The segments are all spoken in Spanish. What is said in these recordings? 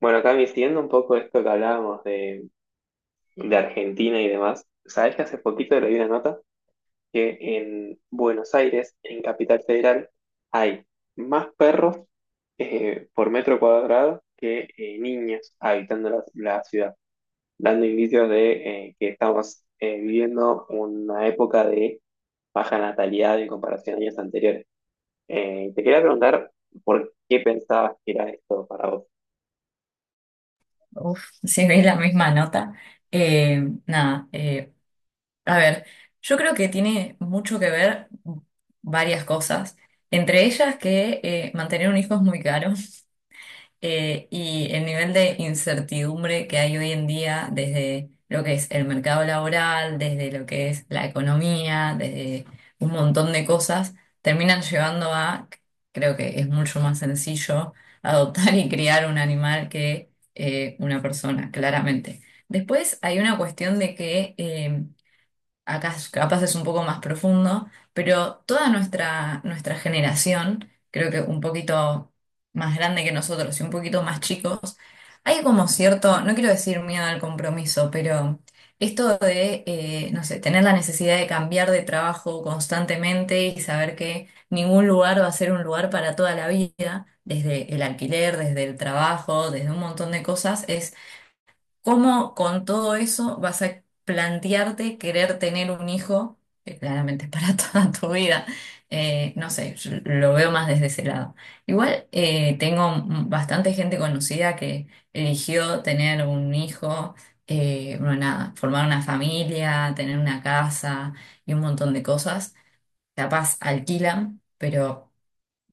Bueno, Cami, siguiendo un poco esto que hablábamos de Argentina y demás, sabes que hace poquito leí una nota que en Buenos Aires, en Capital Federal, hay más perros por metro cuadrado que niños habitando la ciudad, dando indicios de que estamos viviendo una época de baja natalidad en comparación a años anteriores. Te quería preguntar por qué pensabas que era esto para vos. Uf, si veis la misma nota. Eh, nada, a ver, yo creo que tiene mucho que ver varias cosas. Entre ellas que mantener un hijo es muy caro, y el nivel de incertidumbre que hay hoy en día desde lo que es el mercado laboral, desde lo que es la economía, desde un montón de cosas, terminan llevando a, creo que es mucho más sencillo adoptar y criar un animal que una persona, claramente. Después hay una cuestión de que acá capaz es un poco más profundo, pero toda nuestra generación, creo que un poquito más grande que nosotros y un poquito más chicos, hay como cierto, no quiero decir miedo al compromiso, pero esto de, no sé, tener la necesidad de cambiar de trabajo constantemente y saber que ningún lugar va a ser un lugar para toda la vida, desde el alquiler, desde el trabajo, desde un montón de cosas. ¿Cómo con todo eso vas a plantearte querer tener un hijo, que claramente es para toda tu vida? No sé, yo lo veo más desde ese lado. Igual tengo bastante gente conocida que eligió tener un hijo, bueno, nada, formar una familia, tener una casa y un montón de cosas. Capaz alquilan, pero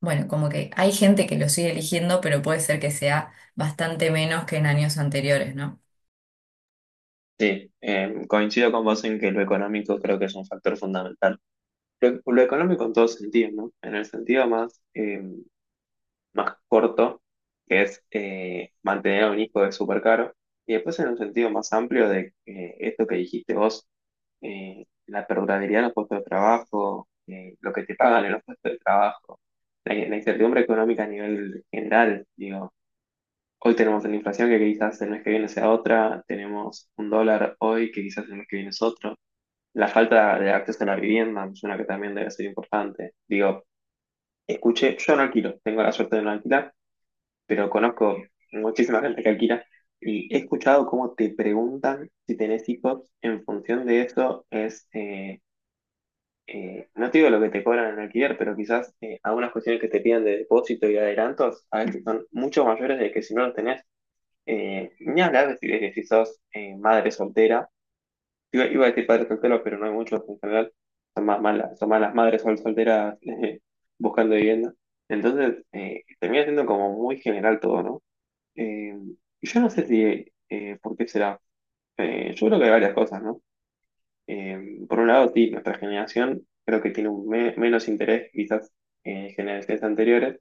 bueno, como que hay gente que lo sigue eligiendo, pero puede ser que sea bastante menos que en años anteriores, ¿no? Sí, coincido con vos en que lo económico creo que es un factor fundamental. Lo económico en todo sentido, ¿no? En el sentido más, más corto, que es mantener a un hijo es súper caro, y después en un sentido más amplio de esto que dijiste vos, la perdurabilidad en los puestos de trabajo, lo que te pagan en los puestos de trabajo, la incertidumbre económica a nivel general, digo. Hoy tenemos la inflación que quizás el mes que viene sea otra, tenemos un dólar hoy que quizás el mes que viene es otro. La falta de acceso a la vivienda me suena que también debe ser importante. Digo, escuché, yo no alquilo, tengo la suerte de no alquilar, pero conozco muchísima gente que alquila y he escuchado cómo te preguntan si tenés hijos. En función de eso es, no te digo lo que te cobran en alquiler, pero quizás algunas cuestiones que te piden de depósito y adelantos a veces son mucho mayores de que si no los tenés. Ni hablar de si sos madre soltera. Iba a decir padres solteros, pero no hay muchos en general. Son más las- son más las madres sol- solteras buscando vivienda. Entonces, termina siendo como muy general todo, ¿no? Eh, y yo no sé si, por qué será. Yo creo que hay varias cosas, ¿no? Por un lado, sí, nuestra generación creo que tiene un me- menos interés quizás en generaciones anteriores,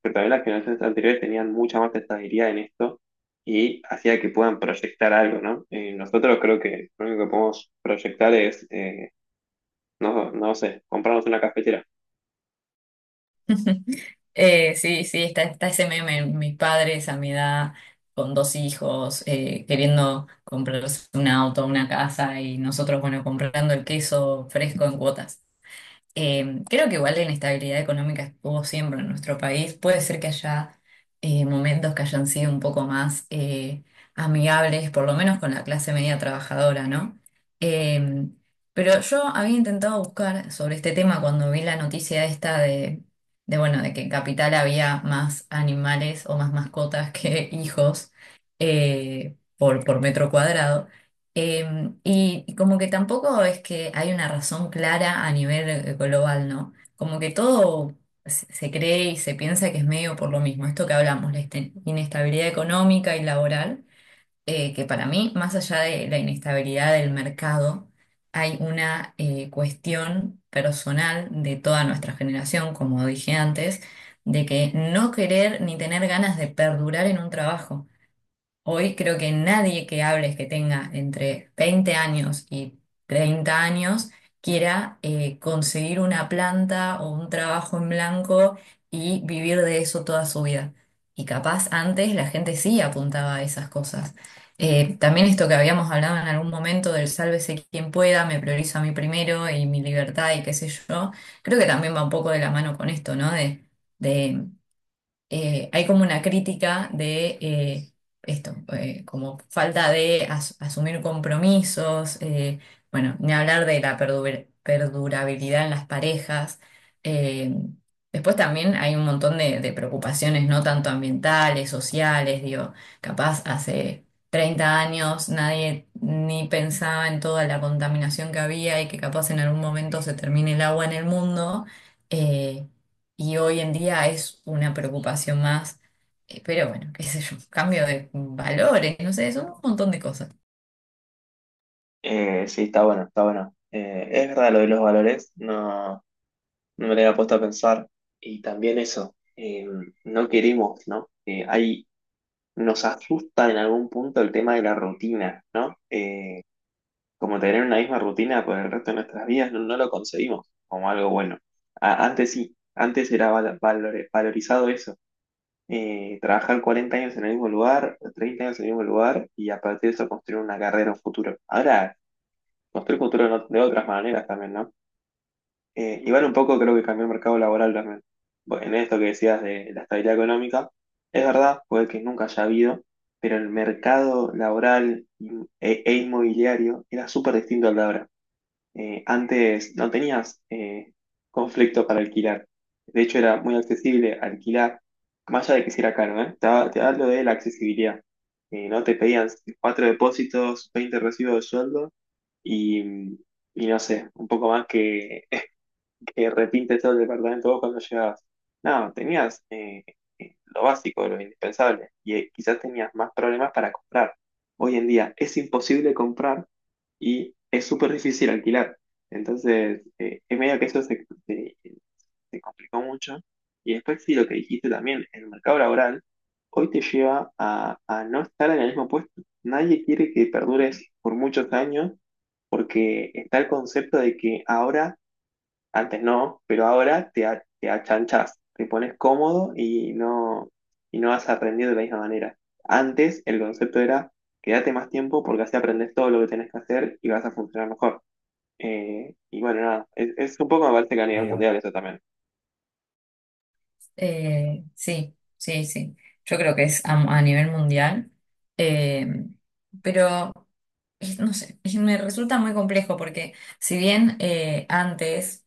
pero también las generaciones anteriores tenían mucha más estabilidad en esto y hacía que puedan proyectar algo, ¿no? Nosotros creo que lo único que podemos proyectar es, no, no sé, comprarnos una cafetera. Sí, sí, está ese meme, mis padres a mi edad, con dos hijos, queriendo comprarse un auto, una casa y nosotros, bueno, comprando el queso fresco en cuotas. Creo que igual la inestabilidad económica estuvo siempre en nuestro país. Puede ser que haya momentos que hayan sido un poco más amigables, por lo menos con la clase media trabajadora, ¿no? Eh, pero yo había intentado buscar sobre este tema cuando vi la noticia esta bueno, de que en Capital había más animales o más mascotas que hijos, por metro cuadrado. Y como que tampoco es que hay una razón clara a nivel global, ¿no? Como que todo se cree y se piensa que es medio por lo mismo, esto que hablamos, la inestabilidad económica y laboral, que para mí, más allá de la inestabilidad del mercado, hay una cuestión personal de toda nuestra generación, como dije antes, de que no querer ni tener ganas de perdurar en un trabajo. Hoy creo que nadie que hables que tenga entre 20 años y 30 años quiera conseguir una planta o un trabajo en blanco y vivir de eso toda su vida. Y capaz antes la gente sí apuntaba a esas cosas. También esto que habíamos hablado en algún momento del sálvese quien pueda, me priorizo a mí primero y mi libertad y qué sé yo, creo que también va un poco de la mano con esto, ¿no? De hay como una crítica de esto, como falta de asumir compromisos, bueno, ni hablar de la perdurabilidad en las parejas. eh, Después también hay un montón de preocupaciones, no tanto ambientales, sociales, digo, capaz hace 30 años nadie ni pensaba en toda la contaminación que había y que capaz en algún momento se termine el agua en el mundo. eh, y hoy en día es una preocupación más. Pero bueno, qué sé yo, cambio de valores, no sé, son un montón de cosas. Sí, está bueno, está bueno. Es verdad lo de los valores, no, no me lo había puesto a pensar. Y también eso, no queremos, ¿no? Hay Nos asusta en algún punto el tema de la rutina, ¿no? Como tener una misma rutina por el resto de nuestras vidas, no, no lo conseguimos como algo bueno. A- antes sí, antes era val- valor- valorizado eso. Trabajar 40 años en el mismo lugar, 30 años en el mismo lugar y a partir de eso construir una carrera, un futuro. Ahora, construir futuro no- de otras maneras también, ¿no? Igual un poco creo que cambió el mercado laboral también. Bueno, en esto que decías de la estabilidad económica, es verdad, puede que nunca haya habido, pero el mercado laboral in- e inmobiliario era súper distinto al de ahora. Antes no tenías conflicto para alquilar. De hecho, era muy accesible alquilar, más allá de que si era caro, ¿eh? Te, ha- te hablo de la accesibilidad. No te pedían cuatro depósitos, 20 recibos de sueldo y, y no sé, un poco más que repinte todo el departamento vos cuando llegabas. No, tenías lo básico, lo indispensable, y quizás tenías más problemas para comprar. Hoy en día es imposible comprar y es súper difícil alquilar. Entonces, es medio que eso se complicó mucho. Y después sí, lo que dijiste también, el mercado laboral hoy te lleva a no estar en el mismo puesto. Nadie quiere que perdures por muchos años porque está el concepto de que ahora antes no, pero ahora te achanchás, te pones cómodo y no vas a aprender de la misma manera. Antes el concepto era quédate más tiempo porque así aprendes todo lo que tenés que hacer y vas a funcionar mejor. Y bueno, nada, es un poco me parece que a A nivel nivel mundial eso también. Sí, sí, sí. Yo creo que es a nivel mundial. Eh, pero, no sé, me resulta muy complejo porque si bien antes...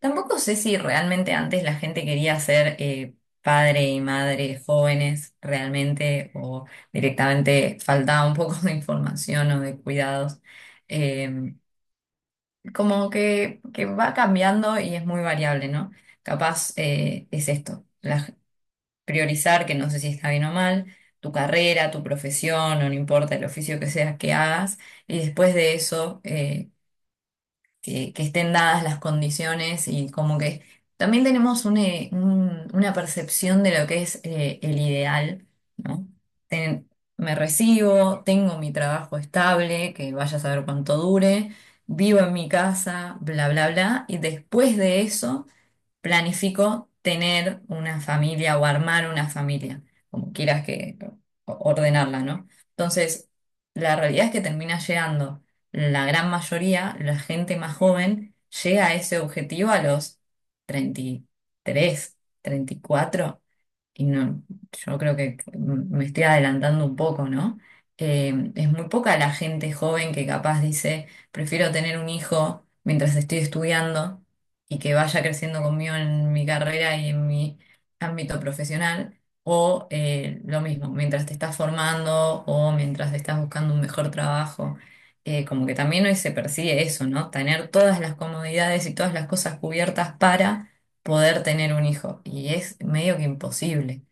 Tampoco sé si realmente antes la gente quería ser padre y madre jóvenes realmente o directamente faltaba un poco de información o de cuidados. Eh, como que va cambiando y es muy variable, ¿no? Capaz es esto, priorizar, que no sé si está bien o mal, tu carrera, tu profesión, o no importa el oficio que seas que hagas, y después de eso, que estén dadas las condiciones y como que también tenemos una percepción de lo que es el ideal, ¿no? Ten- me recibo, tengo mi trabajo estable, que vaya a saber cuánto dure, vivo en mi casa, bla, bla, bla, y después de eso planifico tener una familia o armar una familia, como quieras que ordenarla, ¿no? Entonces, la realidad es que termina llegando la gran mayoría, la gente más joven, llega a ese objetivo a los 30, 33, 34, y no, yo creo que me estoy adelantando un poco, ¿no? Es muy poca la gente joven que capaz dice, prefiero tener un hijo mientras estoy estudiando y que vaya creciendo conmigo en mi carrera y en mi ámbito profesional, o lo mismo, mientras te estás formando o mientras estás buscando un mejor trabajo. Como que también hoy se persigue eso, ¿no? Tener todas las comodidades y todas las cosas cubiertas para poder tener un hijo. Y es medio que imposible.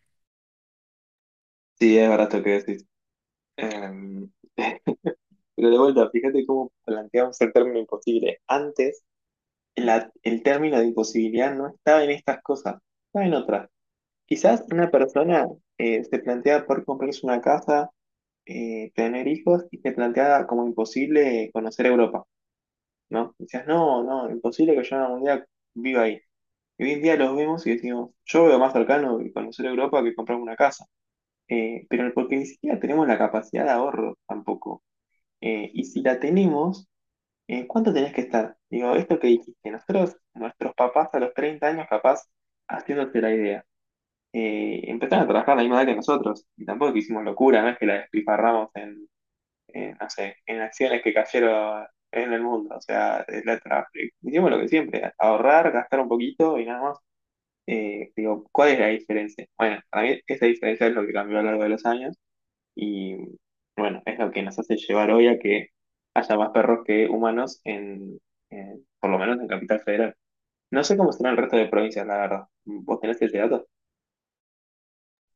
Sí, es verdad esto que decís. Em, pero de vuelta, fíjate cómo planteamos el término imposible. Antes la- el término de imposibilidad no estaba en estas cosas, estaba en otras. Quizás una persona se plantea por comprarse una casa, tener hijos y se plantea como imposible conocer Europa, ¿no? Decías, no, no, imposible que yo algún día viva ahí. Y hoy en día los vemos y decimos, yo veo más cercano y conocer Europa que comprarme una casa. Pero porque ni siquiera tenemos la capacidad de ahorro tampoco. Y si la tenemos, ¿cuánto tenés que estar? Digo, esto que dijiste, nosotros, nuestros papás a los 30 años capaz haciéndose la idea empezaron a trabajar a la misma edad que nosotros. Y tampoco es que hicimos locura, no es que la despifarramos en, no sé, en acciones que cayeron en el mundo. O sea, la tra- hicimos lo que siempre, ahorrar, gastar un poquito y nada más. Digo, ¿cuál es la diferencia? Bueno, para mí esa diferencia es lo que cambió a lo largo de los años y bueno, es lo que nos hace llevar hoy a que haya más perros que humanos en- por lo menos en Capital Federal. No sé cómo será el resto de provincias, la verdad. ¿Vos tenés ese dato?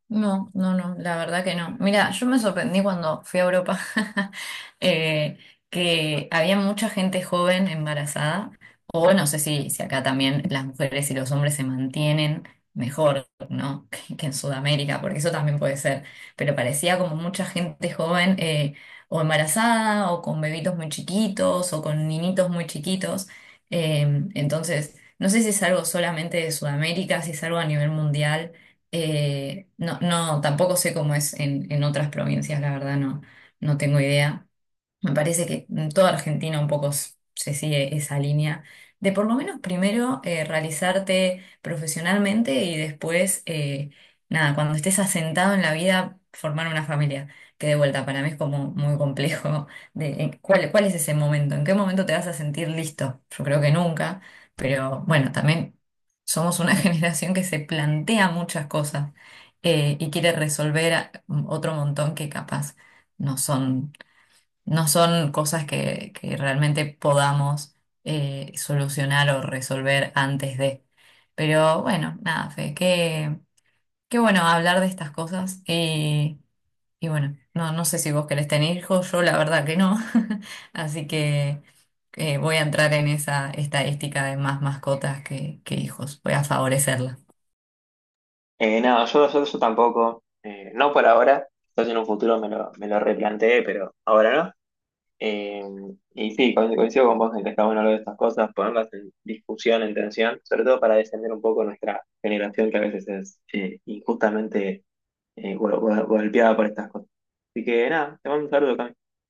No, no, no, la verdad que no. Mira, yo me sorprendí cuando fui a Europa, eh, que había mucha gente joven embarazada, o no sé si acá también las mujeres y los hombres se mantienen mejor, ¿no? Que en Sudamérica, porque eso también puede ser, pero parecía como mucha gente joven o embarazada, o con bebitos muy chiquitos, o con niñitos muy chiquitos. Eh, entonces, no sé si es algo solamente de Sudamérica, si es algo a nivel mundial. No, no, tampoco sé cómo es en otras provincias, la verdad, no, no tengo idea. Me parece que en toda Argentina un poco se sigue esa línea de por lo menos primero realizarte profesionalmente y después, nada, cuando estés asentado en la vida, formar una familia. Que de vuelta para mí es como muy complejo de en cuál es ese momento, en qué momento te vas a sentir listo. Yo creo que nunca, pero bueno, también somos una generación que se plantea muchas cosas, y quiere resolver otro montón que capaz no son no son cosas que realmente podamos solucionar o resolver antes de. Pero bueno, nada, Fe, qué bueno hablar de estas cosas, y bueno, no, no sé si vos querés tener hijos, yo la verdad que no, así que voy a entrar en esa estadística de más mascotas que hijos, voy a favorecerla. No, yo tampoco. No por ahora. Entonces en un futuro me me lo replanteé, pero ahora no. Eh, y sí, co- coincido con vos en que está bueno hablar de estas cosas, ponerlas en discusión, en tensión, sobre todo para defender un poco nuestra generación que a veces es injustamente gol- gol- golpeada por estas cosas. Así que nada, te mando un saludo, Cami.